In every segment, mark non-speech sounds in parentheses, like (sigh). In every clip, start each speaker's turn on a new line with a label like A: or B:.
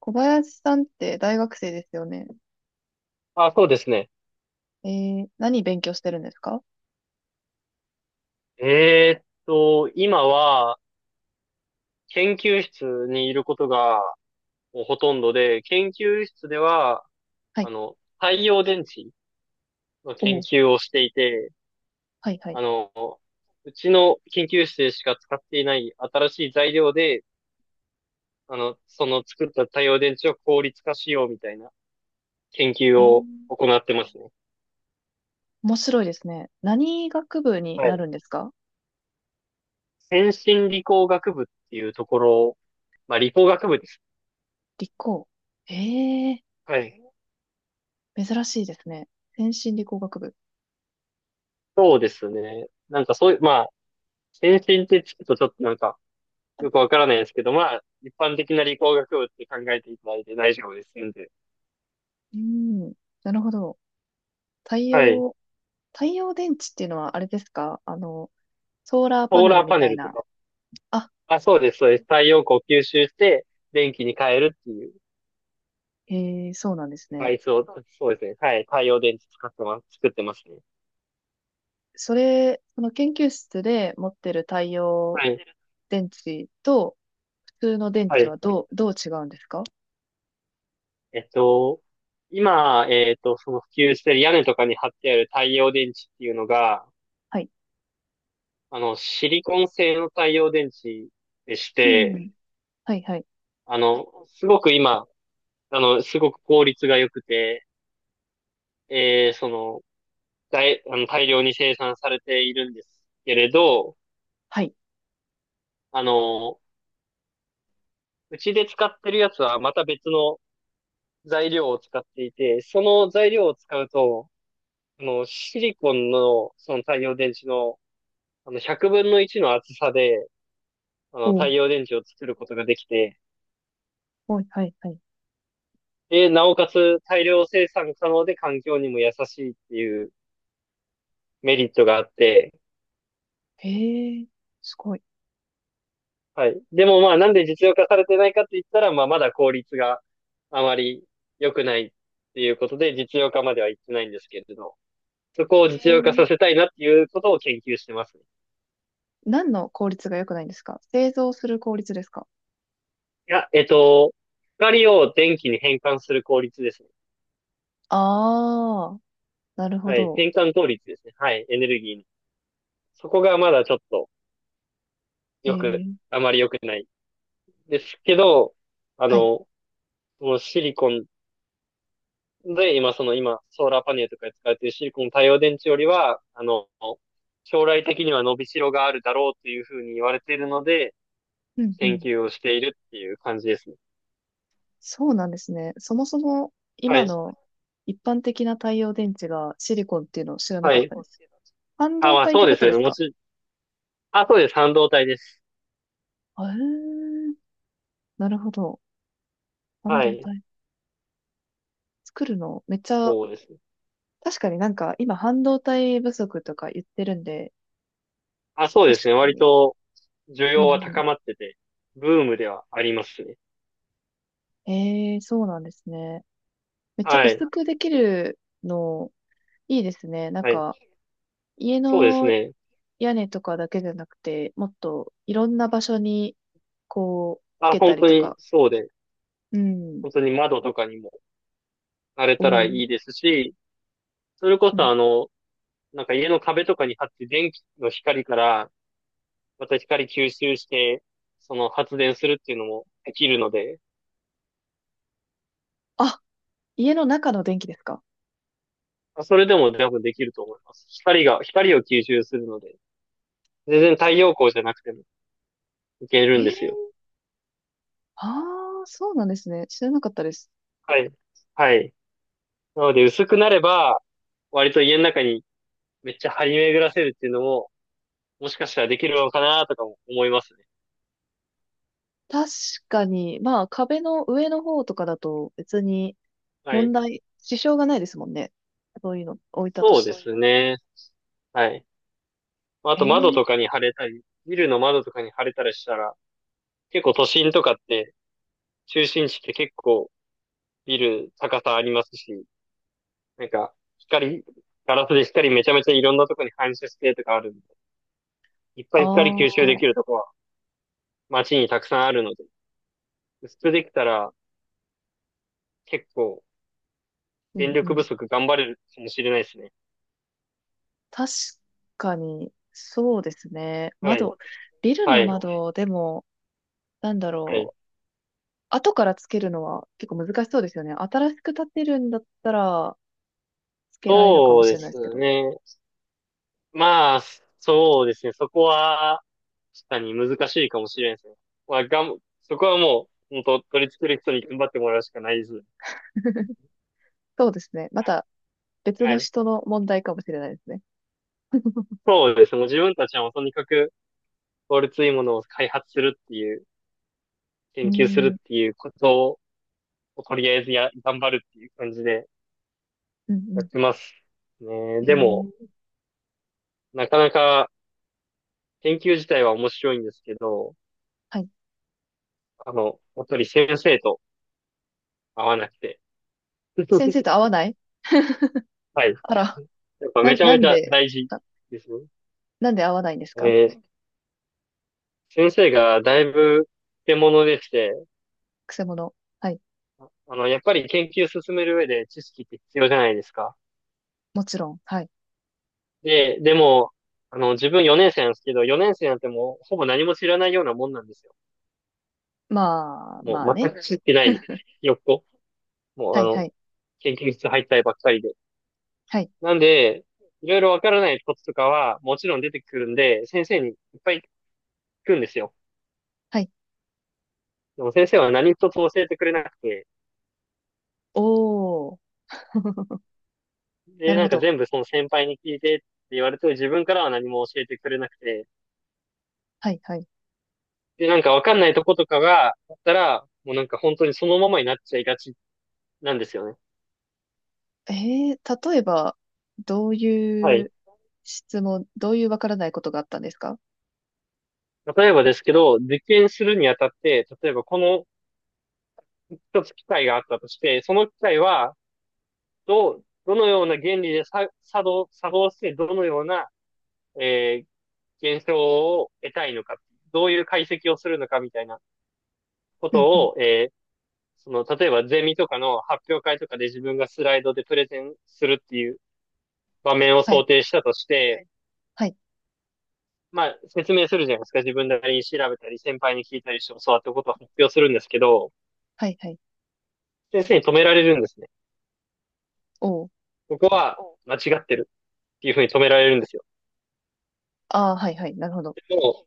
A: 小林さんって大学生ですよね。
B: あ、そうですね。
A: え何勉強してるんですか？
B: 今は研究室にいることがもうほとんどで、研究室では、
A: はい。
B: 太陽電池の
A: お
B: 研
A: お、
B: 究をしていて、
A: はいはい。
B: あの、うちの研究室でしか使っていない新しい材料で、その作った太陽電池を効率化しようみたいな研
A: え
B: 究を
A: ー、
B: 行ってますね。
A: 面白いですね。何学部に
B: は
A: な
B: い。
A: るんですか？
B: 先進理工学部っていうところ、まあ理工学部です。
A: 理工。えー、
B: はい。
A: 珍しいですね。先進理工学部。
B: そうですね。なんかそういう、検診って聞くとちょっとなんか、よくわからないですけど、まあ、一般的な理工学部って考えていただいて大丈夫ですんで。
A: うん、なるほど。太
B: はい。
A: 陽、太陽電池っていうのはあれですか？あの、ソーラーパ
B: ソー
A: ネ
B: ラ
A: ル
B: ー
A: み
B: パネ
A: たい
B: ルと
A: な。
B: か。
A: あ、
B: あ、そうです、そうです。太陽光を吸収して、電気に変えるっていう、
A: へ、そうなんです
B: デバ
A: ね。
B: イスを、そうですね。はい。太陽電池使ってます、作ってますね。
A: その研究室で持ってる太陽
B: はい。
A: 電池と普通の電
B: は
A: 池
B: い。
A: はどう違うんですか？
B: えっと、今、その普及してる屋根とかに貼ってある太陽電池っていうのが、
A: はい。
B: シリコン製の太陽電池でし
A: うん。
B: て、
A: はい、はい。
B: すごく今、すごく効率が良くて、えー、その、大、あの、大量に生産されているんですけれど、
A: はい。
B: あの、うちで使ってるやつはまた別の材料を使っていて、その材料を使うと、シリコンの、その太陽電池の、100分の1の厚さで、
A: お
B: 太
A: う。
B: 陽電池を作ることができて、
A: おい、はい、はい。
B: で、なおかつ大量生産可能で環境にも優しいっていうメリットがあって、
A: へえ、すごい。
B: はい。でもまあ、なんで実用化されてないかって言ったら、まあ、まだ効率があまり良くないっていうことで、実用化までは行ってないんですけれど、そこを
A: へ
B: 実用
A: え、
B: 化させたいなっていうことを研究してますね。
A: 何の効率が良くないんですか？製造する効率ですか？
B: いや、光を電気に変換する効率ですね。
A: ああー、なるほ
B: はい。
A: ど。
B: 変換効率ですね。はい。エネルギーに。そこがまだちょっと
A: へ
B: 良く、
A: え、
B: あまり良くないですけど、あ
A: はい。
B: の、このシリコンで、今、その今、ソーラーパネルとかに使われているシリコン太陽電池よりは、将来的には伸びしろがあるだろうというふうに言われているので、
A: うんう
B: 研
A: ん。
B: 究をしているっていう感じですね。
A: そうなんですね。そもそも
B: は
A: 今
B: い。
A: の一般的な太陽電池がシリコンっていうのを知らな
B: は
A: かっ
B: い。
A: たです。半
B: あ、
A: 導
B: まあ
A: 体っ
B: そ
A: て
B: う
A: こ
B: です
A: とで
B: よね。
A: すか？
B: あ、そうです。半導体です。
A: あえー、なるほど。半
B: は
A: 導
B: い。
A: 体。作るのめっちゃ、
B: そうですね。
A: 確かになんか今半導体不足とか言ってるんで、
B: あ、そうで
A: 確
B: すね。
A: か
B: 割
A: に。
B: と需
A: うん
B: 要は
A: うん。
B: 高まってて、ブームではありますね。
A: ええ、そうなんですね。めっちゃ
B: はい。
A: 薄くできるの、いいですね。なん
B: はい。
A: か家
B: そうです
A: の
B: ね。
A: 屋根とかだけじゃなくて、もっといろんな場所にこう、つ
B: あ、
A: けた
B: 本
A: り
B: 当
A: と
B: に
A: か。
B: そうで、
A: うん。
B: 本当に窓とかにもなれ
A: お
B: たら
A: ー、
B: いいですし、それこ
A: う
B: そ
A: ん。
B: なんか家の壁とかに貼って電気の光からまた光吸収して、その発電するっていうのもできるので、
A: あ、家の中の電気ですか？
B: まあそれでも多分できると思います。光を吸収するので、全然太陽光じゃなくてもいける
A: え
B: んですよ。
A: ー、ああ、そうなんですね。知らなかったです。
B: はい。はい。なので薄くなれば、割と家の中にめっちゃ張り巡らせるっていうのも、もしかしたらできるのかなとかも思いますね。
A: 確かに、まあ壁の上の方とかだと別に
B: は
A: 問
B: い。
A: 題、支障がないですもんね。そういうの置いたと
B: そ
A: し
B: う
A: て
B: で
A: も。
B: すね。はい。まあ
A: え
B: と窓とか
A: え、
B: に貼れたり、ビルの窓とかに貼れたりしたら、結構都心とかって、中心地って結構ビル高さありますし、なんか光、ガラスで光めちゃめちゃいろんなとこに反射してとかあるんで、いっぱ
A: あ
B: い光吸収
A: あ
B: で
A: ー、
B: きるとこは街にたくさんあるので、薄くできたら結構
A: う
B: 電
A: んう
B: 力
A: ん。
B: 不足頑張れるかもしれないですね。
A: 確かに、そうですね。
B: はい。そ
A: 窓、
B: うです
A: ビル
B: は
A: の
B: ねいそう
A: 窓でも、なんだ
B: はい
A: ろう。後からつけるのは結構難しそうですよね。新しく建てるんだったら、つけられるかも
B: そう
A: し
B: で
A: れないですけ
B: す
A: ど。
B: ね。まあ、そうですね。そこは、確かに難しいかもしれないですね。まあ、そこはもう、本当取り付ける人に頑張ってもらうしかないですね。
A: そうですね。ま
B: はい。
A: た別
B: は
A: の
B: い。
A: 人の問題かもしれないですね。
B: そうですね。もう自分たちはもうとにかく効率いいものを開発するっていう、
A: うー
B: 研究する
A: ん、
B: っ
A: うん
B: ていうことをとりあえず頑張るっていう感じで
A: う
B: やっ
A: ん。
B: てます。ね、
A: え
B: でも、
A: ー
B: なかなか研究自体は面白いんですけど、
A: はい。
B: やっぱり先生と合わなくて。
A: 先生と合
B: (laughs)
A: わない？
B: はい。
A: あら、
B: やっぱ
A: な、
B: めちゃ
A: な
B: め
A: ん
B: ちゃ
A: で、
B: 大事
A: あ、
B: ですね。
A: なんで合わないんですか？
B: えー先生がだいぶ手物でして、
A: くせ者。はい、
B: やっぱり研究進める上で知識って必要じゃないですか。
A: もちろん。はい。
B: で、でも、自分4年生なんですけど、4年生なんてもう、ほぼ何も知らないようなもんなんですよ。
A: まあ、
B: も
A: まあ
B: う、全
A: ね。
B: く知ってない、
A: (laughs)
B: ひよっこ。も
A: は
B: う、
A: いはい。
B: 研究室入ったりばっかりで。
A: はい。
B: なんで、いろいろわからないこととかは、もちろん出てくるんで、先生にいっぱい聞くんですよ。
A: はい。
B: でも先生は何一つ教えてくれなくて、
A: おー。(laughs) な
B: で、
A: る
B: な
A: ほ
B: んか
A: ど。
B: 全部その先輩に聞いてって言われて、自分からは何も教えてくれなくて、
A: はいはい。
B: で、なんかわかんないとことかがあったら、もうなんか本当にそのままになっちゃいがちなんですよね。
A: え例えば、どう
B: は
A: い
B: い。
A: うどういうわからないことがあったんですか？
B: 例えばですけど、実験するにあたって、例えばこの一つ機械があったとして、その機械は、どのような原理でさ作動して、どのような、え現象を得たいのか、どういう解析をするのかみたいなこ
A: うんうん。
B: とを、その、例えばゼミとかの発表会とかで自分がスライドでプレゼンするっていう場面を
A: は
B: 想
A: い。
B: 定したとして、
A: はい。
B: まあ、説明するじゃないですか。自分なりに調べたり、先輩に聞いたりして教わったことを発表するんですけど、
A: はいはい。
B: 先生に止められるんですね。
A: おー。
B: ここは間違ってるっていうふうに止められるんですよ。
A: ああ、はいはい。なるほど。
B: でも、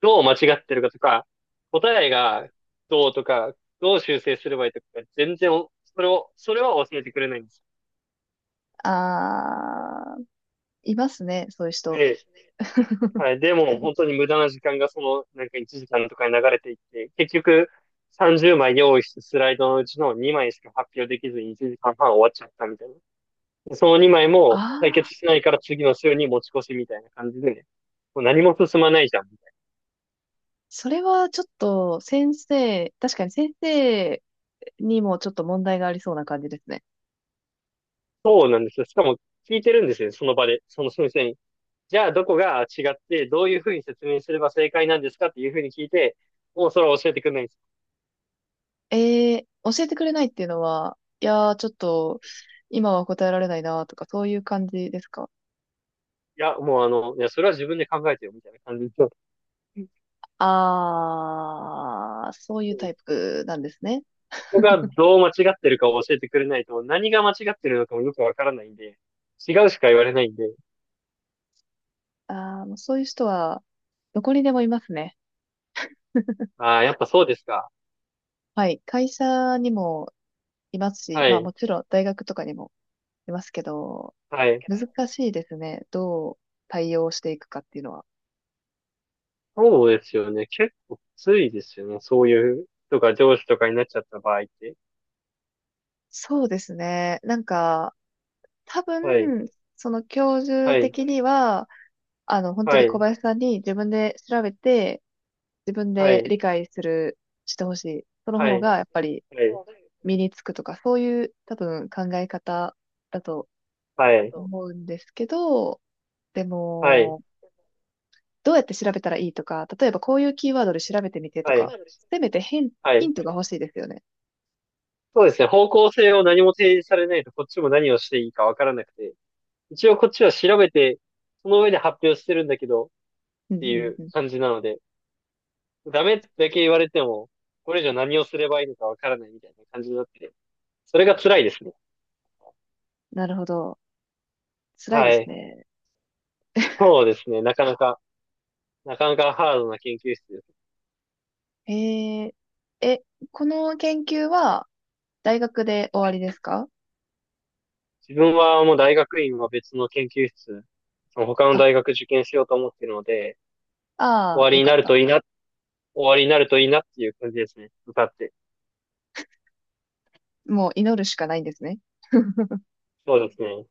B: どう間違ってるかとか、答えがどうとか、どう修正すればいいとか、全然それは教えてくれないんです。
A: ああ、いますね、そういう人。
B: で、はい、でも本当に無駄な時間がその、なんか1時間とかに流れていって、結局30枚用意したスライドのうちの2枚しか発表できずに1時間半終わっちゃったみたいな。その2枚も
A: あ
B: 解
A: あ、
B: 決しないから次の週に持ち越しみたいな感じでね、もう何も進まないじゃん。
A: それはちょっと先生、確かに先生にもちょっと問題がありそうな感じですね。
B: そうなんですよ。しかも聞いてるんですよ、その場で、その先生に。じゃあ、どこが違って、どういうふうに説明すれば正解なんですかっていうふうに聞いて、もうそれは教えてくれないんです。
A: えー、教えてくれないっていうのは、いやー、ちょっと今は答えられないなとか、そういう感じですか？
B: いや、もういや、それは自分で考えてよ、みたいな感じで。うん。
A: ああ、そういうタイプなんですね。
B: ここがどう間違ってるかを教えてくれないと、何が間違ってるのかもよくわからないんで、違うしか言われないんで、
A: ああ、もうそういう人はどこにでもいますね。
B: ああ、やっぱそうですか。
A: はい。会社にもいますし、
B: は
A: まあ
B: い、
A: もちろん大学とかにもいますけど、
B: はい。
A: 難しいですね。どう対応していくかっていうのは。
B: そうですよね。結構きついですよね。そういう人が上司とかになっちゃった場合って。
A: そうですね。なんか、多
B: はい、
A: 分、その教授
B: はい、
A: 的には、あの、本当
B: は
A: に小
B: い、
A: 林さんに自分で調べて、自分
B: は
A: で
B: い。
A: 理解する、してほしい。その
B: は
A: 方
B: や
A: が、
B: っ
A: やっぱり
B: てい。
A: 身につくとか、そういう多分考え方だと
B: はい、
A: 思うんですけど、でも、
B: そ
A: どうやって調べたらいいとか、例えばこういうキーワードで調べてみてと
B: はい、
A: か、
B: はい、は意い、外と
A: せめてヒン
B: は
A: ヒ
B: い。
A: ントが欲しいですよね。
B: そうですね。方向性を何も提示されないと、こっちも何をしていいかわからなくて、一応こっちは調べて、その上で発表してるんだけど、っ
A: うんう
B: てい
A: ん
B: う
A: うん。
B: 感じなので、ダメだけ言われても、これ以上何をすればいいのかわからないみたいな感じになってて、それが辛いですね。
A: なるほど。辛い
B: は
A: です
B: い。
A: ね。
B: そうですね。なかなか、なかなかハードな研究室です。
A: えー、え、この研究は大学で終
B: は
A: わり
B: い。
A: ですか？
B: 自分はもう大学院は別の研究室、その他の
A: あ、
B: 大学受験しようと思ってるので、終
A: ああ、
B: わり
A: よ
B: に
A: か
B: な
A: っ
B: る
A: た。
B: といいな、終わりになるといいなっていう感じですね。歌って。
A: もう祈るしかないんですね。
B: そうですね。